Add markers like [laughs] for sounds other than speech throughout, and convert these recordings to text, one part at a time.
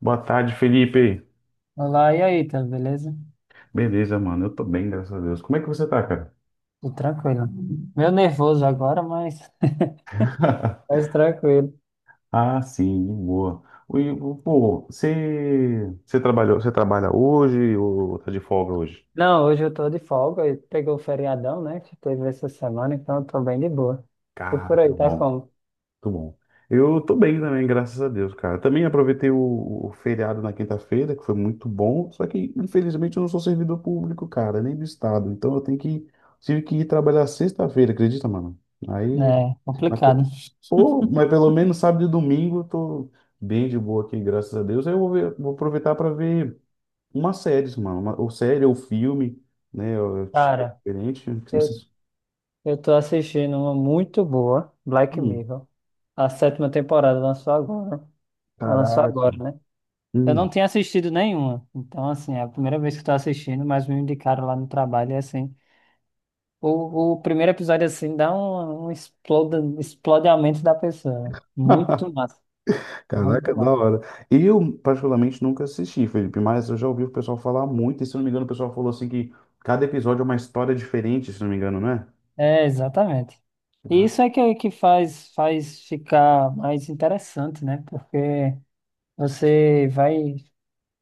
Boa tarde, Felipe. Olá, e aí, tá beleza? Beleza, mano. Eu tô bem, graças a Deus. Como é que você tá, cara? Tudo tranquilo. Meio nervoso agora, mas [laughs] [laughs] mas tranquilo. Ah, sim, de boa. Pô, você trabalhou, você trabalha hoje ou tá de folga hoje? Não, hoje eu tô de folga e pegou o feriadão, né, que teve essa semana, então eu tô bem de boa. E por aí, Cara, tá bom, como? muito bom. Eu tô bem também, graças a Deus, cara. Também aproveitei o feriado na quinta-feira, que foi muito bom. Só que, infelizmente, eu não sou servidor público, cara, nem do estado. Tive que ir trabalhar sexta-feira, acredita, mano? Aí, É, mas, complicado. pô, mas pelo menos sábado e domingo eu tô bem de boa aqui, graças a Deus. Aí eu vou aproveitar para ver uma série, mano. Uma, ou série ou filme, né? Eu tiver Cara, diferente. eu, eu tô assistindo uma muito boa, Black Hum, Mirror. A sétima temporada lançou agora. Ela lançou caraca. agora, né? Eu Hum. não tinha assistido nenhuma. Então, assim, é a primeira vez que eu tô assistindo, mas me indicaram lá no trabalho e assim. O primeiro episódio, assim, dá um explode a mente da pessoa. Muito [laughs] massa, muito Caraca, da massa. hora. Eu, particularmente, nunca assisti, Felipe, mas eu já ouvi o pessoal falar muito, e, se não me engano, o pessoal falou assim que cada episódio é uma história diferente, se não me engano, né? É, exatamente. E Ah. isso é que faz ficar mais interessante, né? Porque você vai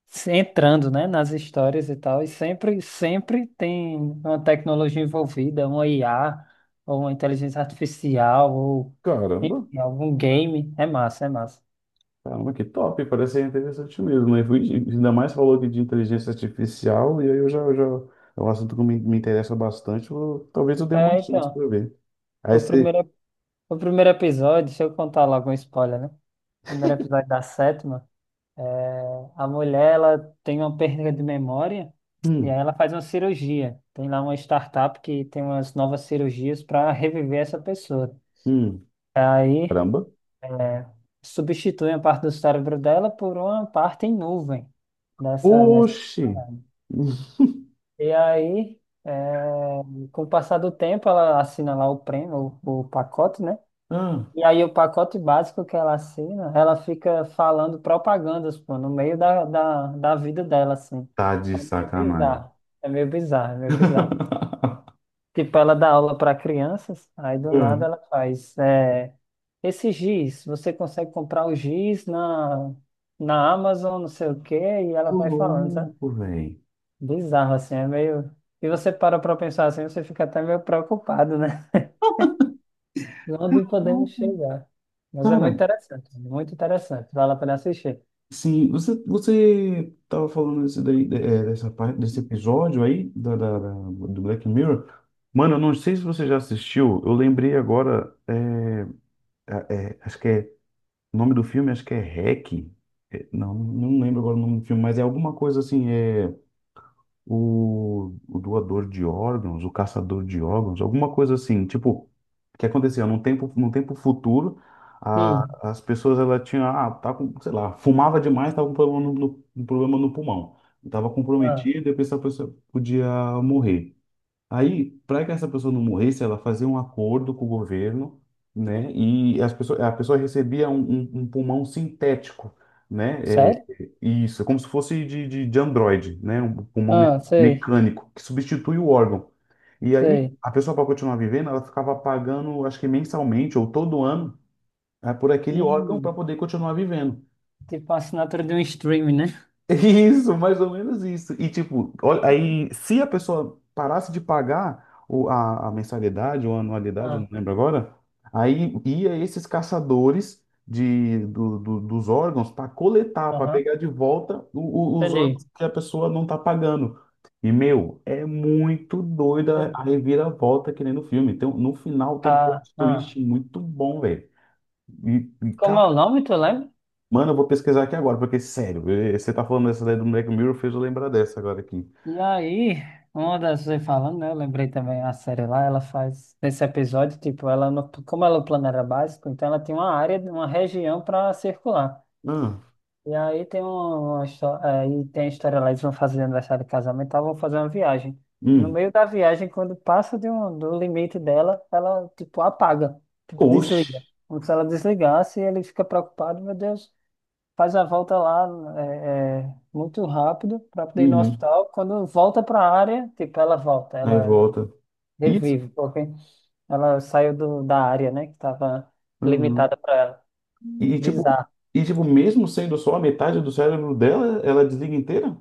se entrando, né, nas histórias e tal, e sempre tem uma tecnologia envolvida, uma IA, ou uma inteligência artificial, ou Cara, enfim, algum game. É massa, é massa. caramba, que top, parece ser interessante mesmo, né? Ainda mais falou aqui de inteligência artificial, e aí eu já é um assunto que me interessa bastante, talvez eu dê uma É, chance para então, ver. Aí o você. primeiro O primeiro episódio, deixa eu contar logo um spoiler, né? O primeiro episódio da sétima, a mulher, ela tem uma perda de memória e Hum, aí ela faz uma cirurgia. Tem lá uma startup que tem umas novas cirurgias para reviver essa pessoa. hum, Aí, caramba. é, substitui a parte do cérebro dela por uma parte em nuvem dessa. Oxi! [laughs] E aí, é, com o passar do tempo, ela assina lá o prêmio, o pacote, né? Ah, E aí o pacote básico que ela assina, ela fica falando propagandas, pô, no meio da vida dela, assim. tá de É meio sacanagem. bizarro. É meio bizarro, é meio bizarro. [laughs] Tipo, ela dá aula para crianças, aí do nada ela faz. É, esse giz, você consegue comprar o giz na Amazon, não sei o quê, e ela Ô vai falando, sabe? louco, velho. Bizarro, assim, é meio. E você para pra pensar assim, você fica até meio preocupado, né? [laughs] Onde podemos chegar? Mas é Cara, muito interessante, muito interessante. Vale a pena assistir. sim, você tava falando desse daí, dessa parte desse episódio aí do Black Mirror. Mano, eu não sei se você já assistiu. Eu lembrei agora, acho que é o nome do filme, acho que é Hack. Não, não lembro agora o nome do filme, mas é alguma coisa assim. É, o doador de órgãos, o caçador de órgãos, alguma coisa assim, tipo, que acontecia num tempo futuro, Hum. As pessoas ela tinha, ah, tá com, sei lá, fumava demais, tava com problema um problema no pulmão, estava Ah, comprometido, e a pessoa podia morrer. Aí, para que essa pessoa não morresse, ela fazia um acordo com o governo, né? E a pessoa recebia um pulmão sintético, né? É, sério? isso, é como se fosse de Android, né? Um pulmão Ah, sei, mecânico que substitui o órgão. E aí, sei. a pessoa, para continuar vivendo, ela ficava pagando, acho que mensalmente ou todo ano, ah, por aquele órgão Hum, para poder continuar vivendo. tipo a assinatura de um streaming, né? Isso, mais ou menos isso. E tipo, olha, aí se a pessoa parasse de pagar a mensalidade ou a anualidade, eu não Ah, lembro agora, aí ia esses caçadores dos órgãos para coletar, para aham. pegar de volta os Entendi. órgãos que a pessoa não está pagando. E, meu, é muito doida Entendi. a reviravolta que nem no filme. No final tem um Ah, plot ah. twist muito bom, velho. E, e, Como é o nome, tu lembra? Mano, eu vou pesquisar aqui agora, porque, sério, eh, você tá falando dessa daí do Black Mirror, fez eu lembrar dessa agora aqui. E aí, uma das você falando, né? Eu lembrei também a série lá, ela faz nesse episódio, tipo, ela no- como ela é o plano era básico, então ela tem uma área, uma região para circular. Ah, E aí tem um, uma, história, aí tem a história lá, eles vão fazer aniversário de casamento, tá? Vão fazer uma viagem. No hum. meio da viagem, quando passa do limite dela, ela tipo apaga, tipo Oxi. desliga. Como se ela desligasse, ele fica preocupado, meu Deus, faz a volta lá muito rápido para poder ir no Uhum. hospital. Quando volta para a área, tipo ela volta, Aí ela volta. Isso. revive, porque ela saiu da área, né, que estava Uhum. limitada para ela. E, tipo, Bizarro. e, tipo, mesmo sendo só a metade do cérebro dela, ela desliga inteira?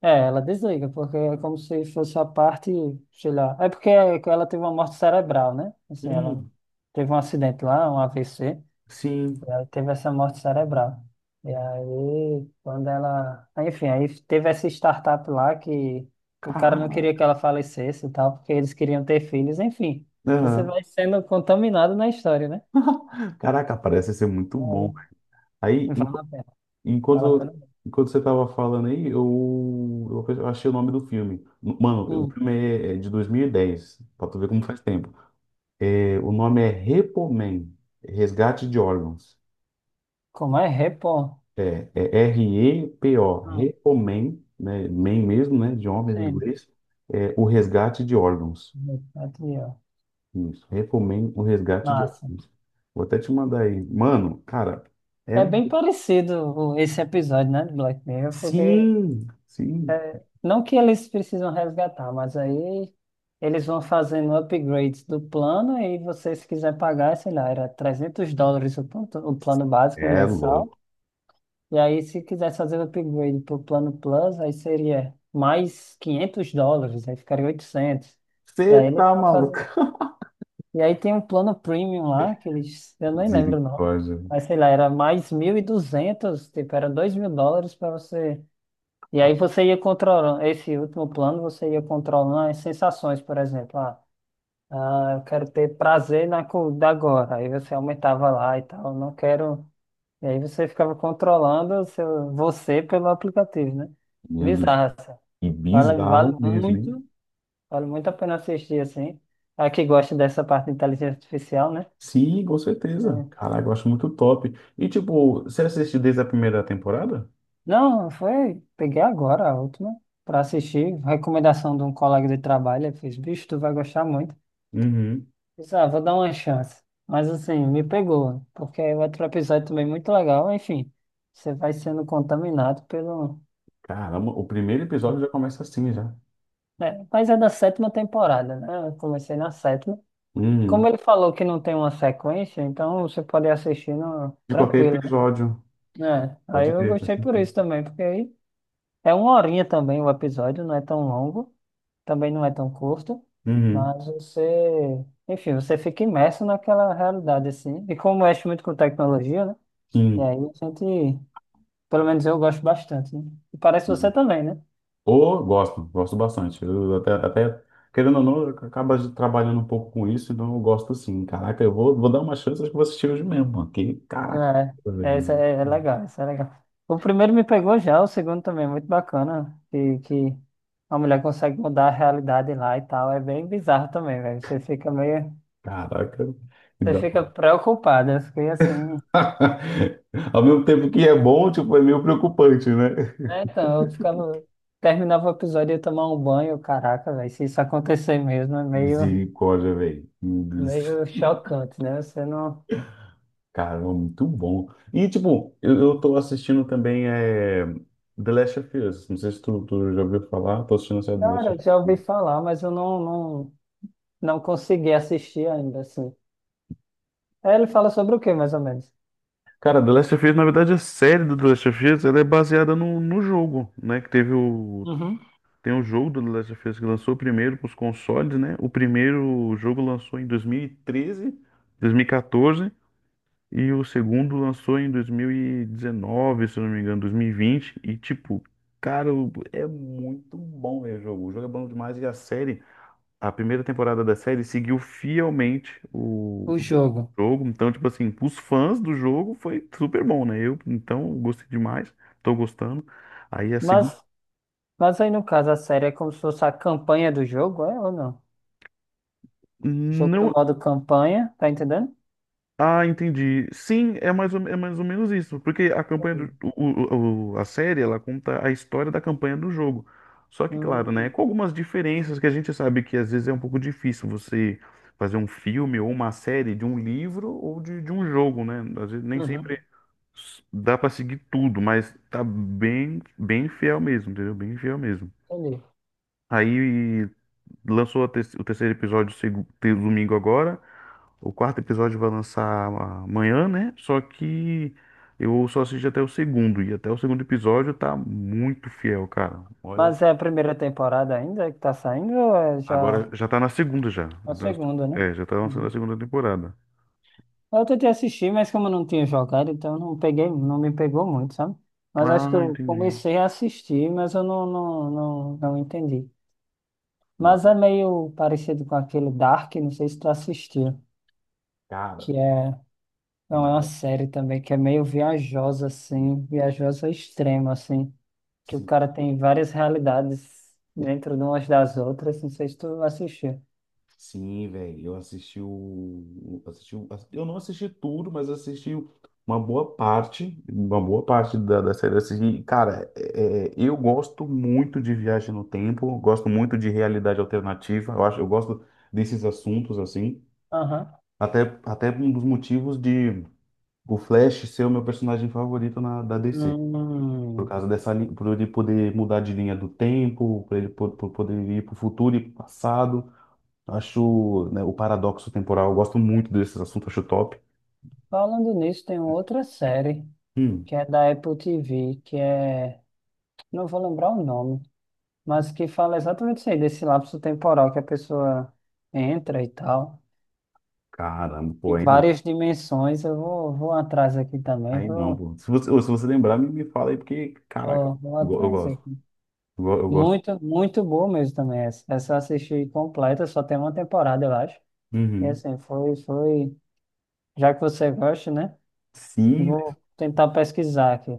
É, ela desliga, porque é como se fosse a parte, sei lá. É porque ela teve uma morte cerebral, né? Assim, ela Hum. teve um acidente lá, um AVC, Sim. e aí teve essa morte cerebral. E aí, quando ela. Enfim, aí teve essa startup lá que o cara não Cara. queria que ela falecesse e tal, porque eles queriam ter filhos. Enfim, você Aham. vai sendo contaminado na história, né? Caraca, parece ser muito E bom. aí, Aí, vale a pena, vale a pena. enquanto, enquanto você tava falando aí, eu achei o nome do filme. Mano, o Hum, filme é de 2010. Pra tu ver como faz tempo. O nome é Repomen, resgate de órgãos. como é? Repor. É R-E-P-O, Hum, Repomen, né, men mesmo, né, de homens em sim. inglês, é o resgate de órgãos. Aqui, ó. Isso, Repomen, o resgate de Massa. órgãos. Vou até te mandar aí. Mano, cara, é... É bem parecido esse episódio, né, de Black Mirror, porque Sim, sim, é, não que eles precisam resgatar, mas aí eles vão fazendo upgrades do plano e você, se quiser pagar, sei lá, era US$ 300 o plano básico é mensal, louco. e aí se quisesse fazer o upgrade para o plano Plus, aí seria mais US$ 500, aí ficaria 800. E aí Você eles tá vão maluco? fazer. E aí tem um plano premium lá, que eles, eu [laughs] nem lembro o nome, Misericórdia, mas sei lá, era mais 1.200 tipo, era US$ 2.000 para você. E aí você ia controlando, esse último plano, você ia controlando as sensações, por exemplo, ah, ah, eu quero ter prazer na comida agora, aí você aumentava lá e tal, não quero. E aí você ficava controlando o seu, você pelo aplicativo, né? meu Deus. Bizarro, assim. E Vale, bizarro vale mesmo, hein? muito, vale muito a pena assistir, assim. A que gosta dessa parte de inteligência artificial, né? Sim, com certeza. Caraca, eu acho muito top. E, tipo, você assistiu desde a primeira temporada? Não, foi. Peguei agora a última para assistir. Recomendação de um colega de trabalho. Ele fez, bicho, tu vai gostar muito. Uhum. Disse, ah, vou dar uma chance. Mas assim, me pegou, porque o outro episódio também é muito legal. Enfim, você vai sendo contaminado pelo. Caramba, o primeiro episódio já começa assim, já. Né, mas é da sétima temporada, né? Eu comecei na sétima. Como Uhum. ele falou que não tem uma sequência, então você pode assistir no De qualquer tranquilo, episódio. né? É, aí Pode eu ver, faz gostei por sentido. isso também, porque aí é uma horinha também o episódio, não é tão longo. Também não é tão curto, Uhum. mas você, enfim, você fica imerso naquela realidade assim. E como mexe muito com tecnologia, né? E Sim. aí a gente, pelo menos eu gosto bastante, né? E parece você também, né? Ou gosto, gosto bastante. Querendo ou não, acaba trabalhando um pouco com isso, então eu gosto sim. Caraca, vou dar uma chance, acho que vou assistir hoje mesmo, mano. Que, caraca, É, essa velho. é, legal, essa é legal. O primeiro me pegou já, o segundo também é muito bacana, que a mulher consegue mudar a realidade lá e tal, é bem bizarro também, velho. Você fica meio, Caraca. você fica preocupada, eu fiquei assim. [laughs] Ao mesmo tempo que é bom, tipo, é meio preocupante, né? É, então, eu ficava. Terminava o episódio e ia tomar um banho, caraca, velho. Se isso acontecer mesmo, é meio, Misericórdia, velho. Meu Deus. meio chocante, né? Você não. Cara, é muito bom. E, tipo, eu tô assistindo também The Last of Us. Não sei se tu já ouviu falar, tô assistindo a série The Last Cara, of eu já Us. ouvi falar, mas eu não, não, não consegui assistir ainda, assim. Aí ele fala sobre o quê, mais ou menos? Cara, The Last of Us, na verdade, a série do The Last of Us, ela é baseada no jogo, né? Que teve o... Uhum. Tem o jogo do The Last of Us que lançou primeiro para os consoles, né? O primeiro jogo lançou em dois dois mil mil e treze, dois mil e 2014. E o segundo lançou em 2019, se eu não me engano, 2020. E, vinte. E, tipo, cara, é muito bom ver o jogo. O jogo é bom demais. E a série, a primeira temporada da série seguiu fielmente O jogo. o jogo. Então, tipo assim, os fãs do jogo foi super bom, né? Eu, então, gostei demais. Tô gostando. Aí a segunda. Mas, mas aí, no caso, a série é como se fosse a campanha do jogo, é ou não? Jogo no Não, modo campanha, tá entendendo? ah, entendi. Sim, é mais ou menos isso, porque a campanha do, Entendi. O- a série, ela conta a história da campanha do jogo. Só que, claro, né, Hum, com algumas diferenças que a gente sabe que às vezes é um pouco difícil você fazer um filme ou uma série de um livro ou de um jogo, né? Às vezes nem sempre uhum, dá para seguir tudo, mas tá bem bem fiel mesmo, entendeu? Bem fiel mesmo. entendi. Aí lançou o terceiro episódio domingo agora. O quarto episódio vai lançar amanhã, né? Só que eu só assisti até o segundo. E até o segundo episódio tá muito fiel, cara. Olha, Mas é a primeira temporada ainda que tá saindo ou é agora já? já tá na segunda já. A Então, segunda, né? é, já tá lançando a Uhum. segunda temporada. Eu tentei assistir, mas como eu não tinha jogado, então não peguei, não me pegou muito, sabe? Mas acho Ah, que eu entendi. comecei a assistir, mas eu não, não, não, não entendi. Mas Mano, é meio parecido com aquele Dark, não sei se tu assistiu, cara, que é, não, é uma dá. série também, que é meio viajosa, assim, viajosa extrema, assim, que o cara tem várias realidades dentro de umas das outras, não sei se tu assistiu. Sim, velho, assisti eu não assisti tudo, mas assisti uma boa parte da série. Eu assisti, cara, eu gosto muito de viagem no tempo, gosto muito de realidade alternativa. Eu gosto desses assuntos assim. Aham. Até um dos motivos de o Flash ser o meu personagem favorito na, da DC. Por Hum. causa dessa, por ele poder mudar de linha do tempo, por ele por poder ir para o futuro e pro passado. Acho, né, o paradoxo temporal, eu gosto muito desses assuntos, acho top. Falando nisso, tem outra série, Hum, que é da Apple TV, que é, não vou lembrar o nome, mas que fala exatamente isso aí, desse lapso temporal que a pessoa entra e tal. caramba, pô, Em aí não. várias dimensões, eu vou atrás aqui também, Aí não, vou, pô. Se se você lembrar, me fala aí, porque, caraca, vou, vou eu atrás gosto. aqui. Eu gosto. Muito, muito boa mesmo também essa. Essa eu assisti completa, só tem uma temporada, eu acho. E Uhum. assim, foi, já que você gosta, né? Sim, Vou tentar pesquisar aqui.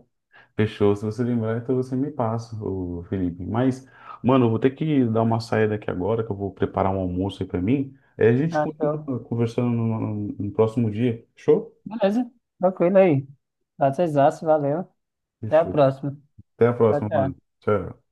fechou. Se você lembrar, então você me passa, ô Felipe. Mas, mano, eu vou ter que dar uma saída aqui agora, que eu vou preparar um almoço aí pra mim. Aí a gente Ah, show. continua conversando no próximo dia. Fechou? Beleza, tranquilo aí. Prazerzaço, valeu. Até a Fechou. próxima. Até a Tchau, próxima, tchau. mano. Tchau.